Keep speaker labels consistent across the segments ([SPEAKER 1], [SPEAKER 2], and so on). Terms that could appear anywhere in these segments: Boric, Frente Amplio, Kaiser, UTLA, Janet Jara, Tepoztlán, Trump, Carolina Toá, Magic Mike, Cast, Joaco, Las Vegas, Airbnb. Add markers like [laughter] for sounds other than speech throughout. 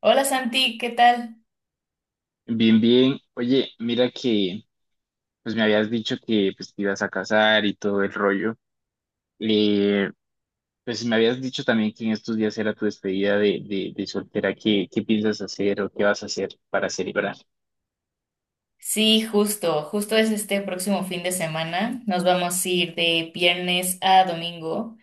[SPEAKER 1] Hola Santi, ¿qué tal?
[SPEAKER 2] Bien, bien. Oye, mira que pues me habías dicho que pues te ibas a casar y todo el rollo. Eh, pues me habías dicho también que en estos días era tu despedida de soltera. ¿Qué piensas hacer o qué vas a hacer para celebrar?
[SPEAKER 1] Sí, justo es este próximo fin de semana. Nos vamos a ir de viernes a domingo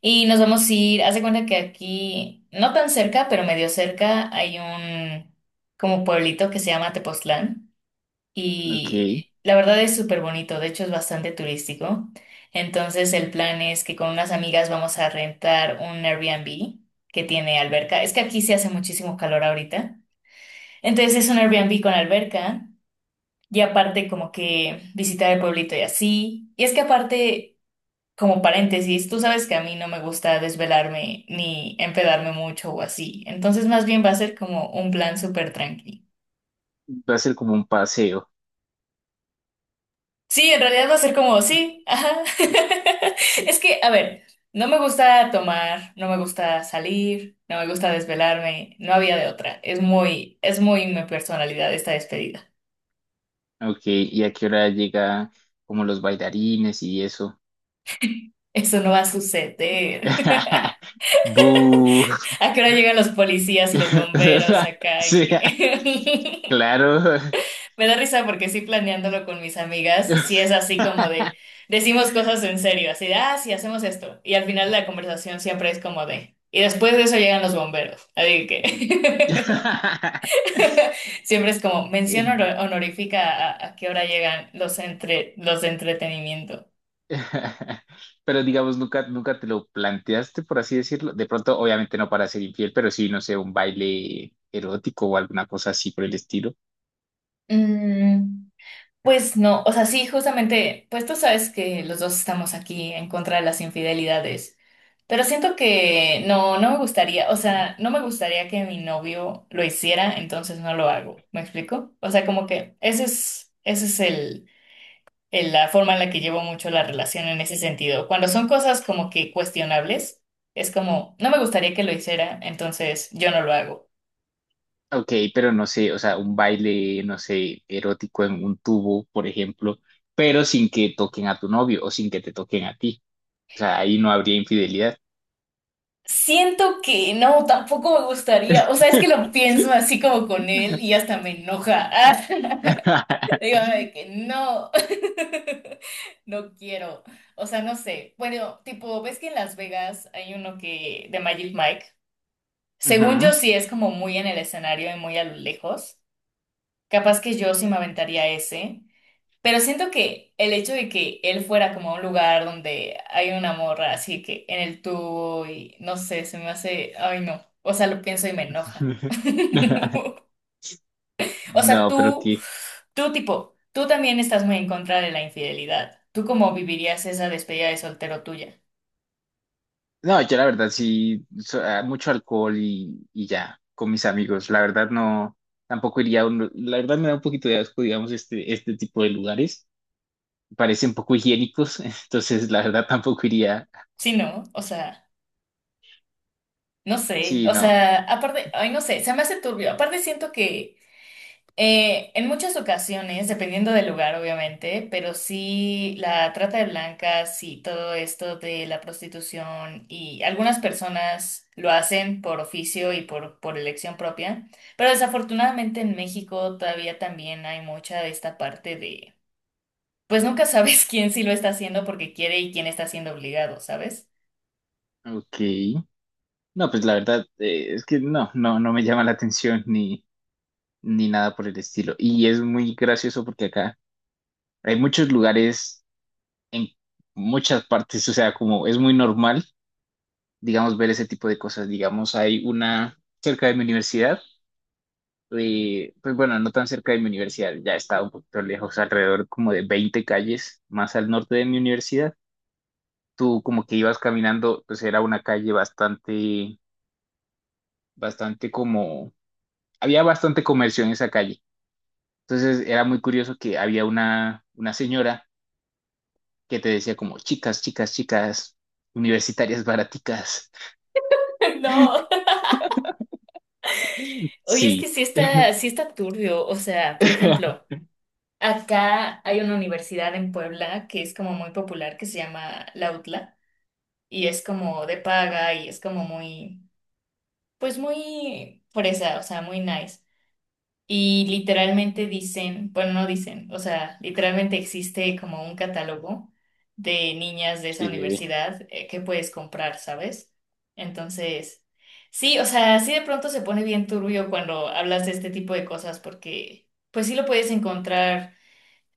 [SPEAKER 1] y nos vamos a ir, haz de cuenta que aquí, no tan cerca, pero medio cerca, hay un como pueblito que se llama Tepoztlán
[SPEAKER 2] Ok,
[SPEAKER 1] y la verdad es súper bonito, de hecho es bastante turístico. Entonces el plan es que con unas amigas vamos a rentar un Airbnb que tiene alberca. Es que aquí se hace muchísimo calor ahorita. Entonces es un Airbnb con alberca. Y aparte como que visitar el pueblito y así. Y es que aparte, como paréntesis, tú sabes que a mí no me gusta desvelarme ni empedarme mucho o así. Entonces más bien va a ser como un plan súper tranqui.
[SPEAKER 2] va a ser como un paseo.
[SPEAKER 1] Sí, en realidad va a ser como, sí, ajá. [laughs] Es que, a ver, no me gusta tomar, no me gusta salir, no me gusta desvelarme, no había de otra. Es muy mi personalidad esta despedida.
[SPEAKER 2] Ok, ¿y a qué hora llega como los bailarines y eso?
[SPEAKER 1] Eso no va a suceder. [laughs]
[SPEAKER 2] [laughs] ¡Bú!
[SPEAKER 1] ¿A qué hora llegan los policías y los bomberos
[SPEAKER 2] [laughs]
[SPEAKER 1] acá? Y
[SPEAKER 2] Sí,
[SPEAKER 1] que- [laughs]
[SPEAKER 2] claro.
[SPEAKER 1] Me da risa porque sí planeándolo con mis amigas, sí es así como de, decimos cosas en serio, así de, ah, sí, hacemos esto. Y al final la conversación siempre es como de, y después de eso llegan los bomberos. Así que [laughs] siempre es como mención
[SPEAKER 2] [laughs] [laughs]
[SPEAKER 1] honorífica a qué hora llegan los, entre, los de entretenimiento.
[SPEAKER 2] [laughs] Pero digamos, nunca te lo planteaste, por así decirlo. De pronto, obviamente no para ser infiel, pero sí, no sé, un baile erótico o alguna cosa así por el estilo.
[SPEAKER 1] Mm, pues no, o sea, sí, justamente, pues tú sabes que los dos estamos aquí en contra de las infidelidades. Pero siento que no, no me gustaría, o sea, no me gustaría que mi novio lo hiciera, entonces no lo hago. ¿Me explico? O sea, como que ese es el, la forma en la que llevo mucho la relación en ese sentido. Cuando son cosas como que cuestionables, es como, no me gustaría que lo hiciera, entonces yo no lo hago.
[SPEAKER 2] Ok, pero no sé, o sea, un baile, no sé, erótico en un tubo, por ejemplo, pero sin que toquen a tu novio o sin que te toquen a ti. O sea, ahí no habría infidelidad.
[SPEAKER 1] Siento que no, tampoco me gustaría. O sea, es que lo pienso
[SPEAKER 2] [laughs]
[SPEAKER 1] así como con él y hasta me enoja. [laughs] Digo, de que no, [laughs] no quiero. O sea, no sé. Bueno, tipo, ¿ves que en Las Vegas hay uno que de Magic Mike? Según yo
[SPEAKER 2] Ujú.
[SPEAKER 1] sí es como muy en el escenario y muy a lo lejos. Capaz que yo sí me aventaría ese. Pero siento que el hecho de que él fuera como a un lugar donde hay una morra así que en el tubo y no sé, se me hace, ay no. O sea, lo pienso y me enoja.
[SPEAKER 2] [laughs]
[SPEAKER 1] [laughs] O sea,
[SPEAKER 2] No, pero
[SPEAKER 1] tú,
[SPEAKER 2] qué.
[SPEAKER 1] tú tipo, tú también estás muy en contra de la infidelidad. ¿Tú cómo vivirías esa despedida de soltero tuya?
[SPEAKER 2] No, yo la verdad sí, mucho alcohol y ya, con mis amigos. La verdad no, tampoco iría a un, la verdad me da un poquito de asco, digamos, este tipo de lugares. Parecen poco higiénicos, [laughs] entonces la verdad tampoco iría.
[SPEAKER 1] Sí, ¿no? O sea, no sé.
[SPEAKER 2] Sí,
[SPEAKER 1] O
[SPEAKER 2] no,
[SPEAKER 1] sea, aparte, ay, no sé, se me hace turbio. Aparte siento que en muchas ocasiones, dependiendo del lugar, obviamente, pero sí la trata de blancas y todo esto de la prostitución y algunas personas lo hacen por oficio y por elección propia, pero desafortunadamente en México todavía también hay mucha de esta parte de, pues nunca sabes [laughs] quién sí lo está haciendo porque quiere y quién está siendo obligado, ¿sabes?
[SPEAKER 2] ok. No, pues la verdad es que no, no, no me llama la atención ni, ni nada por el estilo. Y es muy gracioso porque acá hay muchos lugares en muchas partes, o sea, como es muy normal digamos, ver ese tipo de cosas. Digamos, hay una cerca de mi universidad, pues bueno, no tan cerca de mi universidad, ya está un poquito lejos, alrededor como de 20 calles más al norte de mi universidad. Tú como que ibas caminando, pues era una calle bastante, bastante como, había bastante comercio en esa calle. Entonces era muy curioso que había una señora que te decía como, chicas, chicas, chicas, universitarias baraticas.
[SPEAKER 1] [laughs] No. Oye, es que
[SPEAKER 2] Sí.
[SPEAKER 1] sí está,
[SPEAKER 2] [laughs]
[SPEAKER 1] sí está turbio. O sea, por ejemplo. Acá hay una universidad en Puebla que es como muy popular, que se llama la UTLA, y es como de paga y es como muy, pues muy fresa, o sea, muy nice. Y literalmente dicen, bueno, no dicen, o sea, literalmente existe como un catálogo de niñas de esa
[SPEAKER 2] Eh,
[SPEAKER 1] universidad que puedes comprar, ¿sabes? Entonces, sí, o sea, sí de pronto se pone bien turbio cuando hablas de este tipo de cosas porque... Pues sí lo puedes encontrar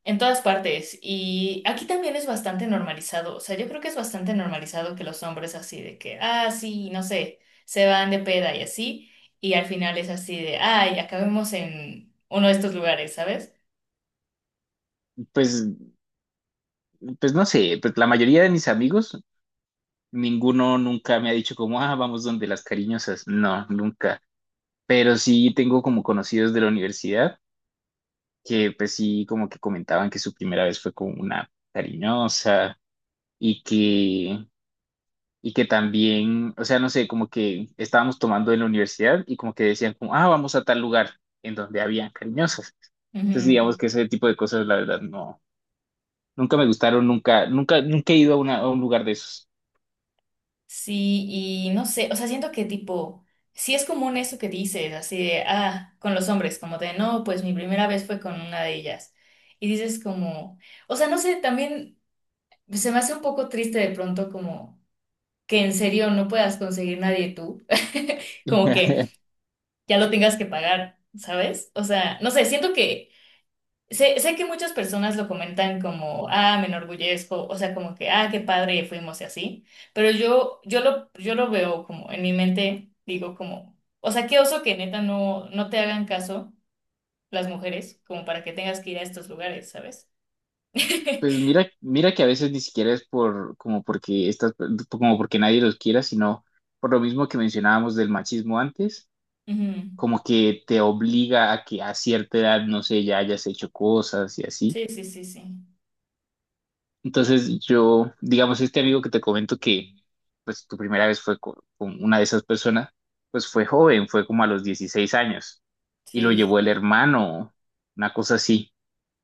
[SPEAKER 1] en todas partes. Y aquí también es bastante normalizado. O sea, yo creo que es bastante normalizado que los hombres así de que, ah, sí, no sé, se van de peda y así. Y al final es así de, ay, acabemos en uno de estos lugares, ¿sabes?
[SPEAKER 2] pues pues no sé, pues la mayoría de mis amigos, ninguno nunca me ha dicho como, ah, vamos donde las cariñosas. No, nunca. Pero sí tengo como conocidos de la universidad que pues sí como que comentaban que su primera vez fue con una cariñosa y que, y que también, o sea, no sé, como que estábamos tomando en la universidad y como que decían como, ah, vamos a tal lugar en donde había cariñosas. Entonces digamos
[SPEAKER 1] Ujú.
[SPEAKER 2] que ese tipo de cosas la verdad no, nunca me gustaron, nunca, nunca, nunca he ido a, a un lugar de esos.
[SPEAKER 1] Sí, y no sé, o sea, siento que tipo, sí es común eso que dices, así de, ah, con los hombres, como de, no, pues mi primera vez fue con una de ellas. Y dices como, o sea, no sé, también se me hace un poco triste de pronto como que en serio no puedas conseguir nadie tú, [laughs] como que
[SPEAKER 2] [laughs]
[SPEAKER 1] ya lo tengas que pagar, ¿sabes? O sea, no sé, siento que sé que muchas personas lo comentan como, ah, me enorgullezco, o sea, como que, ah, qué padre fuimos y así, pero yo lo veo como en mi mente, digo como, o sea, qué oso que neta no, no te hagan caso las mujeres, como para que tengas que ir a estos lugares, ¿sabes? [laughs]
[SPEAKER 2] Pues mira, mira que a veces ni siquiera es por como porque estas, como porque nadie los quiera, sino por lo mismo que mencionábamos del machismo antes,
[SPEAKER 1] Ujú.
[SPEAKER 2] como que te obliga a que a cierta edad, no sé, ya hayas hecho cosas y así.
[SPEAKER 1] Sí, sí, sí, sí.
[SPEAKER 2] Entonces yo, digamos, este amigo que te comento que pues tu primera vez fue con, una de esas personas, pues fue joven, fue como a los 16 años y lo
[SPEAKER 1] Sí,
[SPEAKER 2] llevó el
[SPEAKER 1] sí.
[SPEAKER 2] hermano, una cosa así.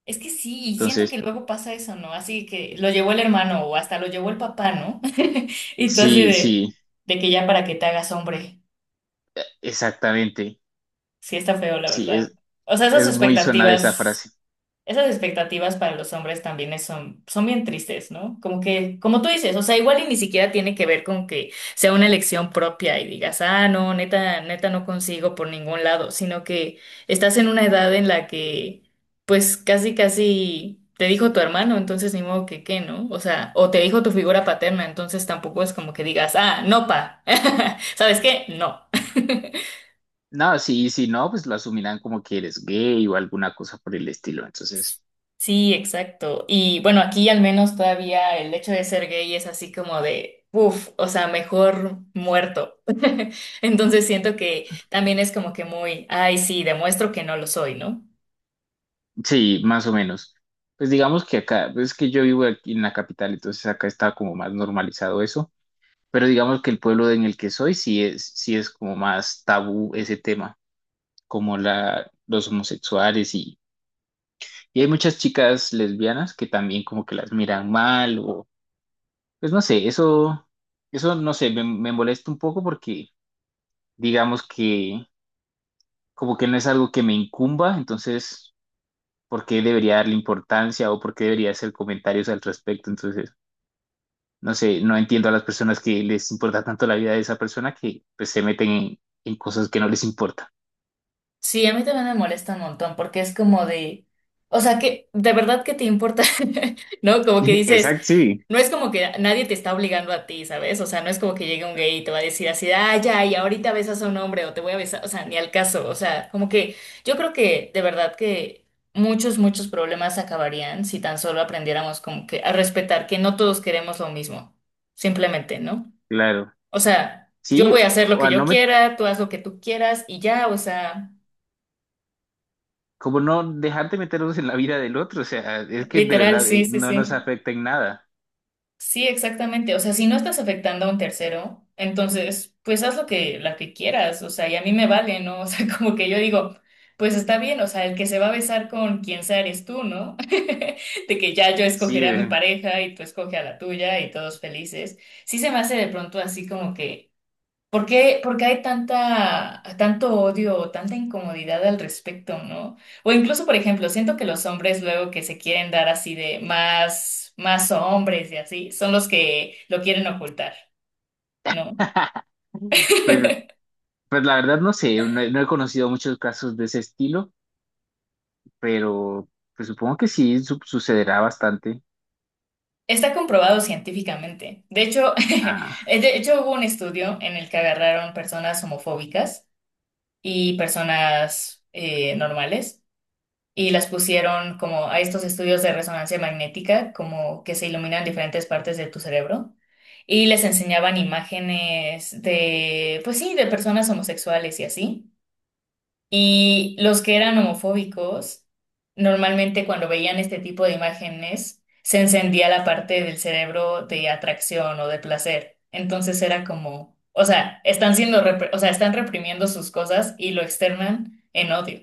[SPEAKER 1] Es que sí, y siento que
[SPEAKER 2] Entonces,
[SPEAKER 1] luego pasa eso, ¿no? Así que lo llevó el hermano o hasta lo llevó el papá, ¿no? [laughs] Y tú así
[SPEAKER 2] sí, sí,
[SPEAKER 1] de que ya para que te hagas hombre,
[SPEAKER 2] exactamente.
[SPEAKER 1] sí está feo, la
[SPEAKER 2] Sí,
[SPEAKER 1] verdad. O sea, esas
[SPEAKER 2] es muy sonada esa
[SPEAKER 1] expectativas.
[SPEAKER 2] frase.
[SPEAKER 1] Esas expectativas para los hombres también son, son bien tristes, ¿no? Como que, como tú dices, o sea, igual y ni siquiera tiene que ver con que sea una elección propia y digas, ah, no, neta, neta no consigo por ningún lado, sino que estás en una edad en la que, pues, casi te dijo tu hermano, entonces ni modo que qué, ¿no? O sea, o te dijo tu figura paterna, entonces tampoco es como que digas, ah, no, pa, [laughs] ¿sabes qué? No.
[SPEAKER 2] No, sí, sí, no, pues lo asumirán como que eres gay o alguna cosa por el estilo. Entonces,
[SPEAKER 1] Sí, exacto. Y bueno, aquí al menos todavía el hecho de ser gay es así como de, uff, o sea, mejor muerto. [laughs] Entonces siento que también es como que muy, ay, sí, demuestro que no lo soy, ¿no?
[SPEAKER 2] sí, más o menos. Pues digamos que acá, pues es que yo vivo aquí en la capital, entonces acá está como más normalizado eso. Pero digamos que el pueblo en el que soy sí es como más tabú ese tema, como la, los homosexuales y hay muchas chicas lesbianas que también como que las miran mal o, pues no sé, eso no sé, me molesta un poco porque digamos que como que no es algo que me incumba, entonces, ¿por qué debería darle importancia o por qué debería hacer comentarios al respecto? Entonces, no sé, no entiendo a las personas que les importa tanto la vida de esa persona que pues, se meten en cosas que no les importan.
[SPEAKER 1] Sí, a mí también me molesta un montón porque es como de, o sea, que de verdad que te importa, [laughs] ¿no? Como que
[SPEAKER 2] [laughs]
[SPEAKER 1] dices,
[SPEAKER 2] Exacto, sí.
[SPEAKER 1] no es como que nadie te está obligando a ti, ¿sabes? O sea, no es como que llegue un gay y te va a decir así, de, ah, ya, y ahorita besas a un hombre o te voy a besar, o sea, ni al caso, o sea, como que yo creo que de verdad que muchos problemas acabarían si tan solo aprendiéramos como que a respetar que no todos queremos lo mismo, simplemente, ¿no?
[SPEAKER 2] Claro.
[SPEAKER 1] O sea, yo
[SPEAKER 2] Sí,
[SPEAKER 1] voy a hacer lo
[SPEAKER 2] o
[SPEAKER 1] que
[SPEAKER 2] a
[SPEAKER 1] yo
[SPEAKER 2] no me,
[SPEAKER 1] quiera, tú haz lo que tú quieras y ya, o sea...
[SPEAKER 2] como no dejar de meternos en la vida del otro, o sea, es que de
[SPEAKER 1] Literal,
[SPEAKER 2] verdad
[SPEAKER 1] sí, sí,
[SPEAKER 2] no nos
[SPEAKER 1] sí.
[SPEAKER 2] afecta en nada.
[SPEAKER 1] Sí, exactamente. O sea, si no estás afectando a un tercero, entonces, pues haz lo que, la que quieras. O sea, y a mí me vale, ¿no? [laughs] O sea, como que yo digo, pues está bien, o sea, el que se va a besar con quien sea eres tú, ¿no? [laughs] De que ya yo
[SPEAKER 2] Sí,
[SPEAKER 1] escogeré a mi pareja y tú escoge a la tuya y todos felices. Sí se me hace de pronto así como que. Por qué hay tanta, tanto odio o tanta incomodidad al respecto, ¿no? O incluso, por ejemplo, siento que los hombres luego que se quieren dar así de más, más hombres y así, son los que lo quieren ocultar, ¿no?
[SPEAKER 2] [laughs] pues, pues la verdad no sé, he no he conocido muchos casos de ese estilo. Pero pues supongo que sí sucederá bastante.
[SPEAKER 1] Está comprobado científicamente. De hecho, [laughs]
[SPEAKER 2] Ah,
[SPEAKER 1] de hecho hubo un estudio en el que agarraron personas homofóbicas y personas normales y las pusieron como a estos estudios de resonancia magnética, como que se iluminan diferentes partes de tu cerebro. Y les enseñaban imágenes de, pues sí, de personas homosexuales y así. Y los que eran homofóbicos, normalmente cuando veían este tipo de imágenes, se encendía la parte del cerebro de atracción o de placer. Entonces era como, o sea, están siendo, o sea, están reprimiendo sus cosas y lo externan en odio.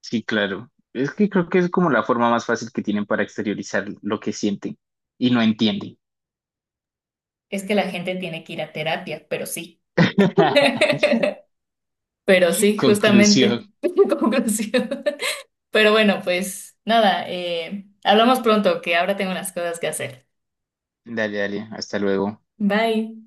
[SPEAKER 2] sí, claro. Es que creo que es como la forma más fácil que tienen para exteriorizar lo que sienten y no entienden.
[SPEAKER 1] Es que la gente tiene que ir a terapia, pero sí.
[SPEAKER 2] [laughs]
[SPEAKER 1] [laughs] Pero sí, justamente.
[SPEAKER 2] Conclusión.
[SPEAKER 1] [laughs] Conclusión. Pero bueno, pues nada, hablamos pronto, que ahora tengo unas cosas que hacer.
[SPEAKER 2] Dale, dale, hasta luego.
[SPEAKER 1] Bye.